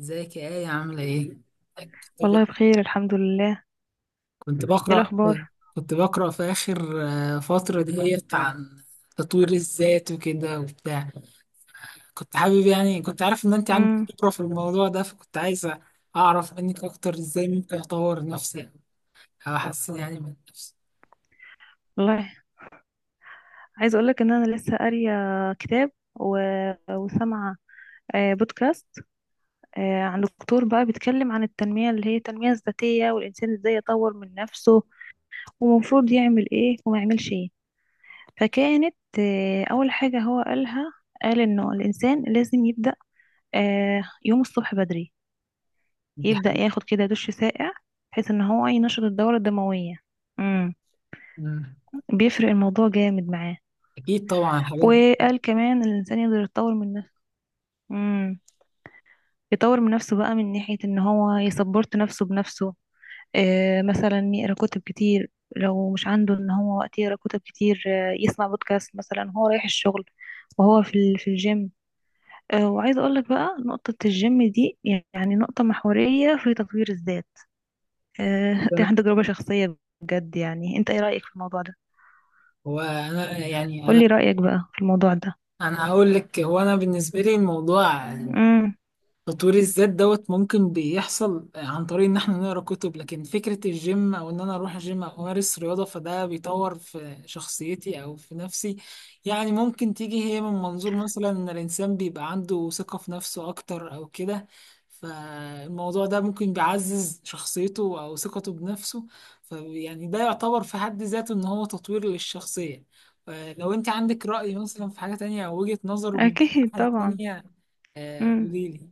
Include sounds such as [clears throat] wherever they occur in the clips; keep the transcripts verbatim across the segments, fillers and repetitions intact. ازيك يا آية؟ عاملة ايه؟ والله بخير، الحمد لله. كنت ايه بقرأ الاخبار؟ كنت بقرأ في آخر آه، فترة ديت عن تطوير الذات وكده وبتاع. كنت حابب يعني كنت عارف إن أنت عندك امم. خبرة في الموضوع ده، فكنت عايزة أعرف منك أكتر إزاي ممكن أطور نفسي أو أحسن يعني من نفسي. والله، عايزه اقول لك ان انا لسه قاريه كتاب و... وسامعه آه، بودكاست آه، عن دكتور بقى بيتكلم عن التنميه، اللي هي التنميه الذاتيه، والانسان ازاي يطور من نفسه، ومفروض يعمل ايه وما يعملش ايه. فكانت آه، اول حاجه هو قالها، قال انه الانسان لازم يبدا آه، يوم الصبح بدري، دي يبدا حاجة. ياخد كده دش ساقع بحيث ان هو ينشط الدوره الدمويه. مم. بيفرق الموضوع جامد معاه. أكيد طبعا الحاجات دي. وقال كمان إن الانسان يقدر يتطور من نفسه، امم يطور من نفسه بقى من ناحية ان هو يسبورت نفسه بنفسه. آه مثلا يقرا كتب كتير، لو مش عنده ان هو وقت يقرا كتب كتير آه يسمع بودكاست مثلا، هو رايح الشغل وهو في ال- في الجيم. آه وعايزه اقول لك بقى نقطة الجيم دي يعني نقطة محورية في تطوير الذات. آه [laughs] دي عندي تجربة شخصية بجد. يعني انت ايه رأيك في الموضوع ده؟ هو أنا يعني قولي أنا رأيك بقى في الموضوع ده. أنا هقول لك، هو أنا بالنسبة لي الموضوع امم. تطوير الذات دوت ممكن بيحصل عن طريق ان احنا نقرا كتب، لكن فكرة الجيم او ان انا اروح الجيم او امارس رياضة، فده بيطور في شخصيتي او في نفسي. يعني ممكن تيجي هي من منظور مثلا ان الانسان بيبقى عنده ثقة في نفسه اكتر او كده. فالموضوع ده ممكن بيعزز شخصيته او ثقته بنفسه، فيعني ده يعتبر في حد ذاته ان هو تطوير للشخصية. آه، لو انت عندك رأي مثلا في حاجة تانية او وجهة نظر من اكيد الناحية طبعا. التانية، آه، امم قوليلي.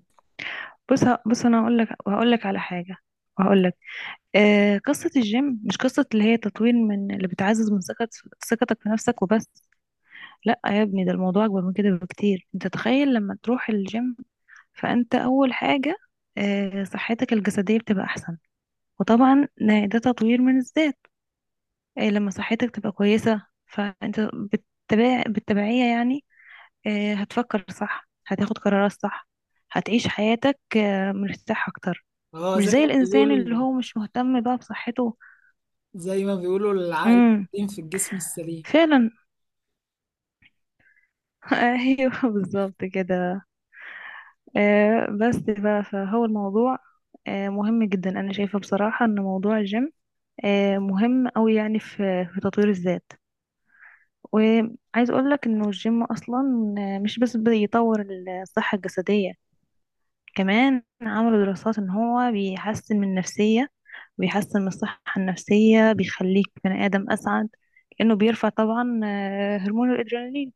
بص ه- بص، انا هقول لك هقول لك على حاجه. هقول لك آه قصه الجيم مش قصه اللي هي تطوير من، اللي بتعزز من ثقت ثقتك في نفسك وبس. لا يا ابني، ده الموضوع اكبر من كده بكتير. انت تخيل لما تروح الجيم، فانت اول حاجه آه صحتك الجسديه بتبقى احسن، وطبعا ده ده تطوير من الذات. آه لما صحتك تبقى كويسه، فانت بالتبع بالتبعيه يعني آه هتفكر صح، هتاخد قرارات صح، هتعيش حياتك آه، مرتاح اكتر، اه مش زي زي ما الانسان اللي بيقولوا، هو مش مهتم بقى بصحته. زي ما بيقولوا العقل امم، السليم في الجسم السليم. فعلا. [laughs] ايوه، بالظبط كده. آه بس بقى، فهو الموضوع آه مهم جدا. انا شايفه بصراحه ان موضوع الجيم آه مهم أوي يعني في في تطوير الذات. وعايز اقول لك انه الجيم اصلا آه، مش بس بيطور الصحه الجسديه، كمان عملوا دراسات ان هو بيحسن من النفسيه، بيحسن من الصحة النفسية، بيخليك بني آدم أسعد، لأنه بيرفع طبعا آه، هرمون الأدرينالين.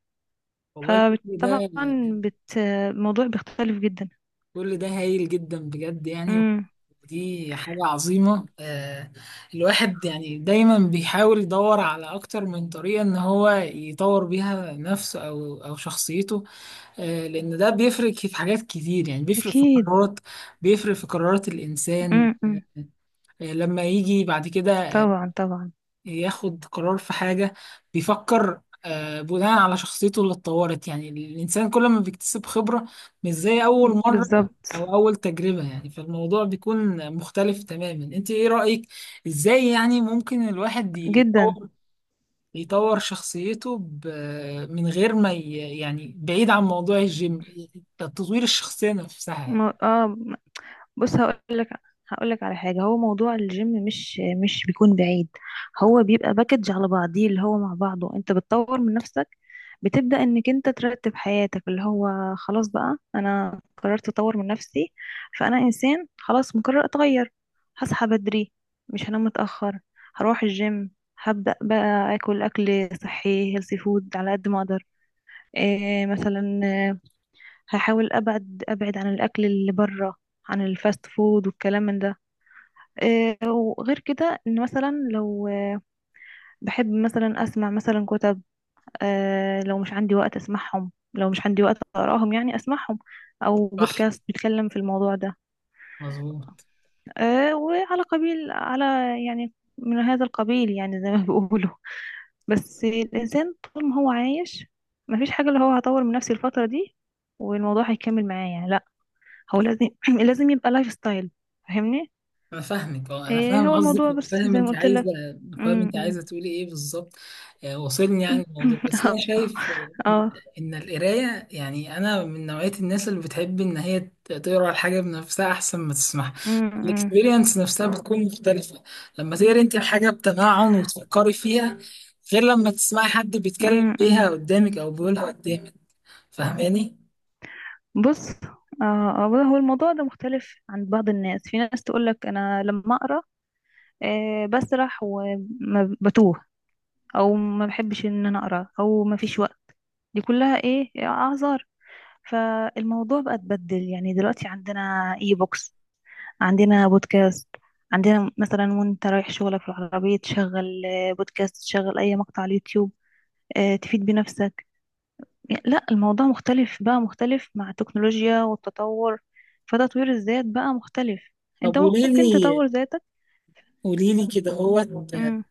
والله كل ده، فطبعا بت... آه، الموضوع بيختلف جدا. كل ده هايل جدا بجد يعني. امم. ودي حاجة عظيمة. آه، الواحد يعني دايما بيحاول يدور على أكتر من طريقة إن هو يطور بيها نفسه أو أو شخصيته. آه، لأن ده بيفرق في حاجات كتير، يعني بيفرق في أكيد. قرارات، بيفرق في قرارات الإنسان. آه امم. آه، لما يجي بعد كده آه، طبعا طبعا. ياخد قرار في حاجة، بيفكر آه، بناء على شخصيته اللي اتطورت. يعني الإنسان كل ما بيكتسب خبرة مش زي أول مرة بالظبط. أو أول تجربة، يعني فالموضوع بيكون مختلف تماما. أنت إيه رأيك إزاي يعني ممكن الواحد جدا. يطور يطور شخصيته ب- من غير ما ي- يعني بعيد عن موضوع الجيم، تطوير الشخصية نفسها م- يعني؟ اه بص هقول لك هقول لك على حاجه. هو موضوع الجيم مش مش بيكون بعيد، هو بيبقى باكج على بعضيه، اللي هو مع بعضه انت بتطور من نفسك. بتبدا انك انت ترتب حياتك، اللي هو خلاص بقى انا قررت اطور من نفسي. فانا انسان خلاص مقرر اتغير: هصحى بدري، مش هنام متاخر، هروح الجيم، هبدا بقى اكل اكل صحي، هيلثي فود على قد ما اقدر. إيه مثلا؟ هحاول ابعد ابعد عن الاكل اللي بره، عن الفاست فود والكلام من ده. إيه وغير كده، ان مثلا لو آه، بحب مثلا اسمع مثلا كتب. إيه لو مش عندي وقت اسمعهم، لو مش عندي وقت اقراهم يعني اسمعهم، او صح. بودكاست بيتكلم في الموضوع ده. مظبوط. إيه وعلى قبيل على يعني من هذا القبيل، يعني زي ما [laughs] بيقولوا. بس الانسان طول ما هو عايش، مفيش حاجه اللي هو هطور من نفسي الفتره دي والموضوع هيكمل معايا. هو لازم [clears throat] لازم يبقى لايف ستايل. فاهمني؟ انا فاهمك، اه انا ايه هو فاهم قصدك، الموضوع بس فاهم زي ما انت قلت عايزه لك. فاهم انت أمم. عايزه تقولي ايه بالظبط. آه، وصلني يعني الموضوع، بس انا [clears throat] شايف آه، اه. ان القرايه، يعني انا من نوعيه الناس اللي بتحب ان هي ت- تقرا الحاجه بنفسها احسن ما تسمعها. أمم. الاكسبيرينس نفسها بتكون مختلفه، لما تقري انت الحاجه بتمعن وتفكري فيها، غير لما تسمعي حد بيتكلم أمم. بيها قدامك او بيقولها قدامك. فاهماني؟ بص. اه آه، هو الموضوع ده مختلف عند بعض الناس. في ناس تقول لك انا لما اقرا إيه بسرح وبتوه، او ما بحبش ان انا اقرا، او ما فيش وقت. دي كلها ايه، اعذار. فالموضوع بقى اتبدل، يعني دلوقتي عندنا اي بوكس، عندنا بودكاست، عندنا مثلا وانت رايح شغلك في العربية تشغل آه، بودكاست، تشغل اي مقطع على اليوتيوب آه، تفيد بنفسك. يعني لا، الموضوع مختلف بقى، مختلف مع التكنولوجيا والتطور. فتطوير الذات بقى مختلف، طب انت قولي ممكن لي تطور ذاتك. قولي لي كده، هو مم.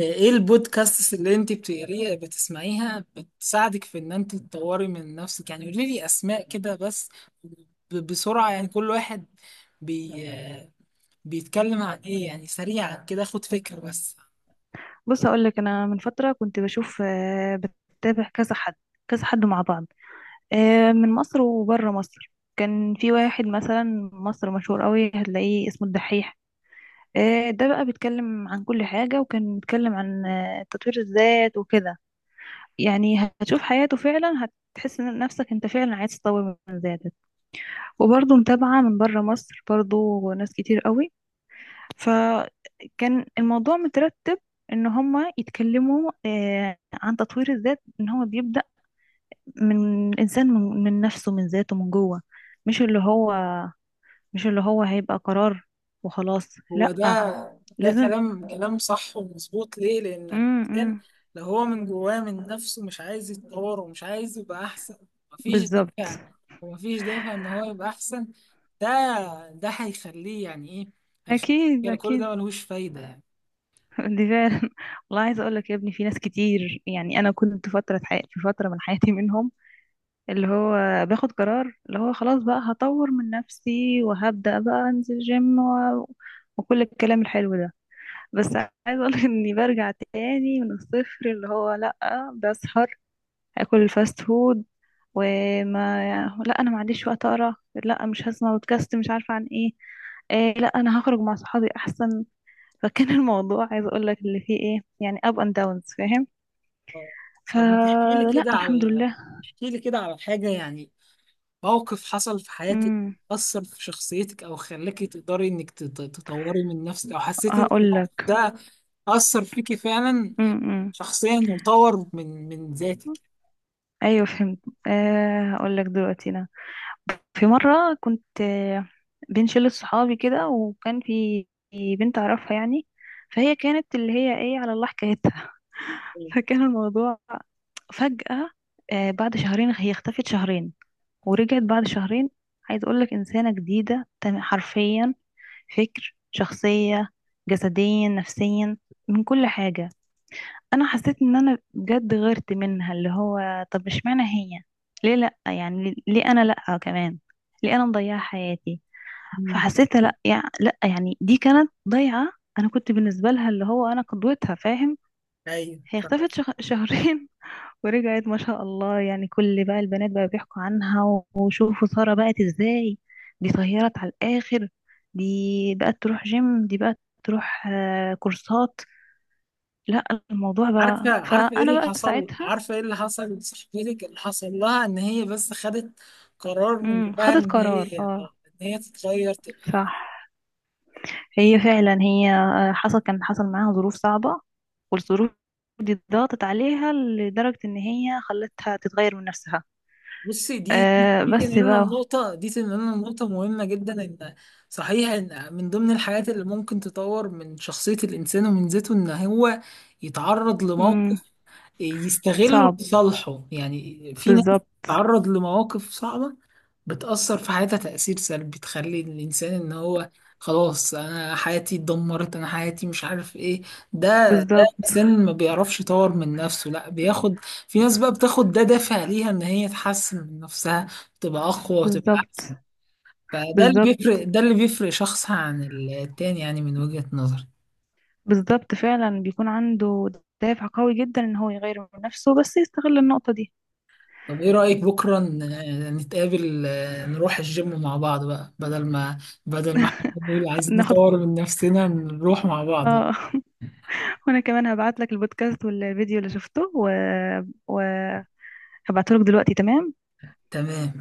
ايه البودكاست اللي انت بتقريها بتسمعيها بتساعدك في ان انت تطوري من نفسك؟ يعني قولي لي اسماء كده بس، ب- بسرعة يعني، كل واحد بي بيتكلم عن ايه يعني، سريعا كده اخد فكرة بس. بص اقول لك، انا من فترة كنت بشوف آه، بتابع كذا حد، كذا حد مع بعض آه، من مصر وبره مصر. كان في واحد مثلا مصر مشهور قوي، هتلاقيه اسمه الدحيح. آه، ده بقى بيتكلم عن كل حاجة، وكان بيتكلم عن آه، تطوير الذات وكده. يعني هتشوف حياته فعلا، هتحس إن نفسك انت فعلا عايز تطور من ذاتك. وبرضه متابعة من بره مصر، برضه ناس كتير قوي. فكان الموضوع مترتب ان هما يتكلموا آه، عن تطوير الذات ان هو بيبدأ من الانسان، من من نفسه، من ذاته، من جوه. مش اللي هو مش اللي هو هيبقى قرار وخلاص، هو ده. لأ، ده لازم. كلام، كلام صح ومظبوط. ليه؟ لأن امم، الإنسان امم، لو هو من جواه من نفسه مش عايز يتطور ومش عايز يبقى أحسن، مفيش بالظبط. دافع، ومفيش دافع إن هو يبقى أحسن. ده، ده هيخليه يعني إيه؟ هيخليه اكيد كده، كل اكيد. ده ملهوش فايدة يعني. دي فعلا. [laughs] والله عايزه اقول لك يا ابني، في ناس كتير، يعني انا كنت فتره حي... في فتره من حياتي منهم، اللي هو باخد قرار اللي هو خلاص بقى هطور من نفسي وهبدا بقى انزل جيم و... وكل الكلام الحلو ده. بس عايزه اقول لك اني برجع تاني من الصفر، اللي هو لا، بسهر، هاكل الفاست فود وما لا، انا ما عنديش وقت اقرا، لا مش هسمع بودكاست مش عارفه عن ايه، إيه لا انا هخرج مع صحابي احسن. فكان الموضوع، عايزه اقول لك اللي فيه ايه يعني، اب اند داونز، فاهم؟ آه. طب ما تحكي لي فلا، كده الحمد على لله. احكي لي كده على حاجة يعني، موقف حصل في حياتك امم. أثر في شخصيتك أو خلاكي تقدري إنك تط- تطوري من نفسك، أو حسيتي إن هقول الموقف لك. ده أثر فيكي فعلا امم. شخصيا وطور من من ذاتك. ايوه فهمت. أه هقول لك دلوقتي. انا في مره كنت آه، بين شله صحابي كده، وكان في في بنت اعرفها يعني. فهي كانت اللي هي ايه، على الله حكايتها. [laughs] فكان الموضوع فجأة آه، بعد شهرين هي اختفت شهرين، ورجعت بعد شهرين. عايز اقول لك انسانه جديده، تم- حرفيا، فكر، شخصية، جسديا، نفسيا، من كل حاجة. انا حسيت ان انا بجد غيرت منها، اللي هو طب اشمعنى هي، ليه لا يعني، ليه انا لا كمان؟ ليه انا مضيعة حياتي؟ مم. فحسيت لا يعني، لا يعني دي كانت ضيعة. انا كنت بالنسبة لها اللي هو انا قدوتها، فاهم. أيوه هي فاهم. اختفت شخ... [laughs] شهرين، ورجعت ما شاء الله. يعني كل بقى البنات بقى بيحكوا عنها وشوفوا سارة بقت ازاي، دي طيرت على الآخر، دي بقت تروح جيم، دي بقت تروح آه، كورسات، لا. الموضوع عارفة بقى، عارفة إيه فأنا اللي بقى حصل ساعتها. عارفة إيه اللي حصل لصاحبتك؟ اللي حصل لها إن هي بس خدت قرار من امم، جواها خدت إن قرار، هي، اه، آه، إن هي تتغير. صح. هي فعلا، هي آه، حصل، كان حصل معاها ظروف صعبة، والظروف دي ضغطت عليها لدرجة ان هي خلتها تتغير من نفسها. بصي، دي دي آه دي بس تنقلنا بقى. لنقطة، دي تنقلنا لنقطة مهمة جدا. إن صحيح إن من ضمن الحاجات اللي ممكن تطور من شخصية الإنسان ومن ذاته إن هو يتعرض لموقف امم. يستغله صعب. لصالحه. يعني في ناس بالظبط. بتتعرض لمواقف صعبة بتأثر في حياتها تأثير سلبي، بتخلي الإنسان إن هو خلاص أنا حياتي اتدمرت، أنا حياتي مش عارف إيه، ده بالظبط. الانسان ما بيعرفش يطور من نفسه. لا بياخد في ناس بقى بتاخد ده دافع ليها ان هي تحسن من نفسها، تبقى اقوى وتبقى احسن. بالظبط. فده اللي بالظبط. بيفرق، ده اللي بيفرق شخص عن التاني يعني، من وجهة نظري. بالظبط، فعلا بيكون عنده دافع قوي جدا ان هو يغير من نفسه، بس يستغل النقطة دي. طب ايه رأيك بكرة ن- نتقابل، آه، نروح الجيم مع بعض بقى، بدل ما بدل ما احنا بنقول خ- عايزين ناخد. نطور من نفسنا نروح مع بعض بقى. اه. [laughs] وانا كمان هبعت لك البودكاست والفيديو اللي شفته و... وهبعته لك دلوقتي. تمام. تمام.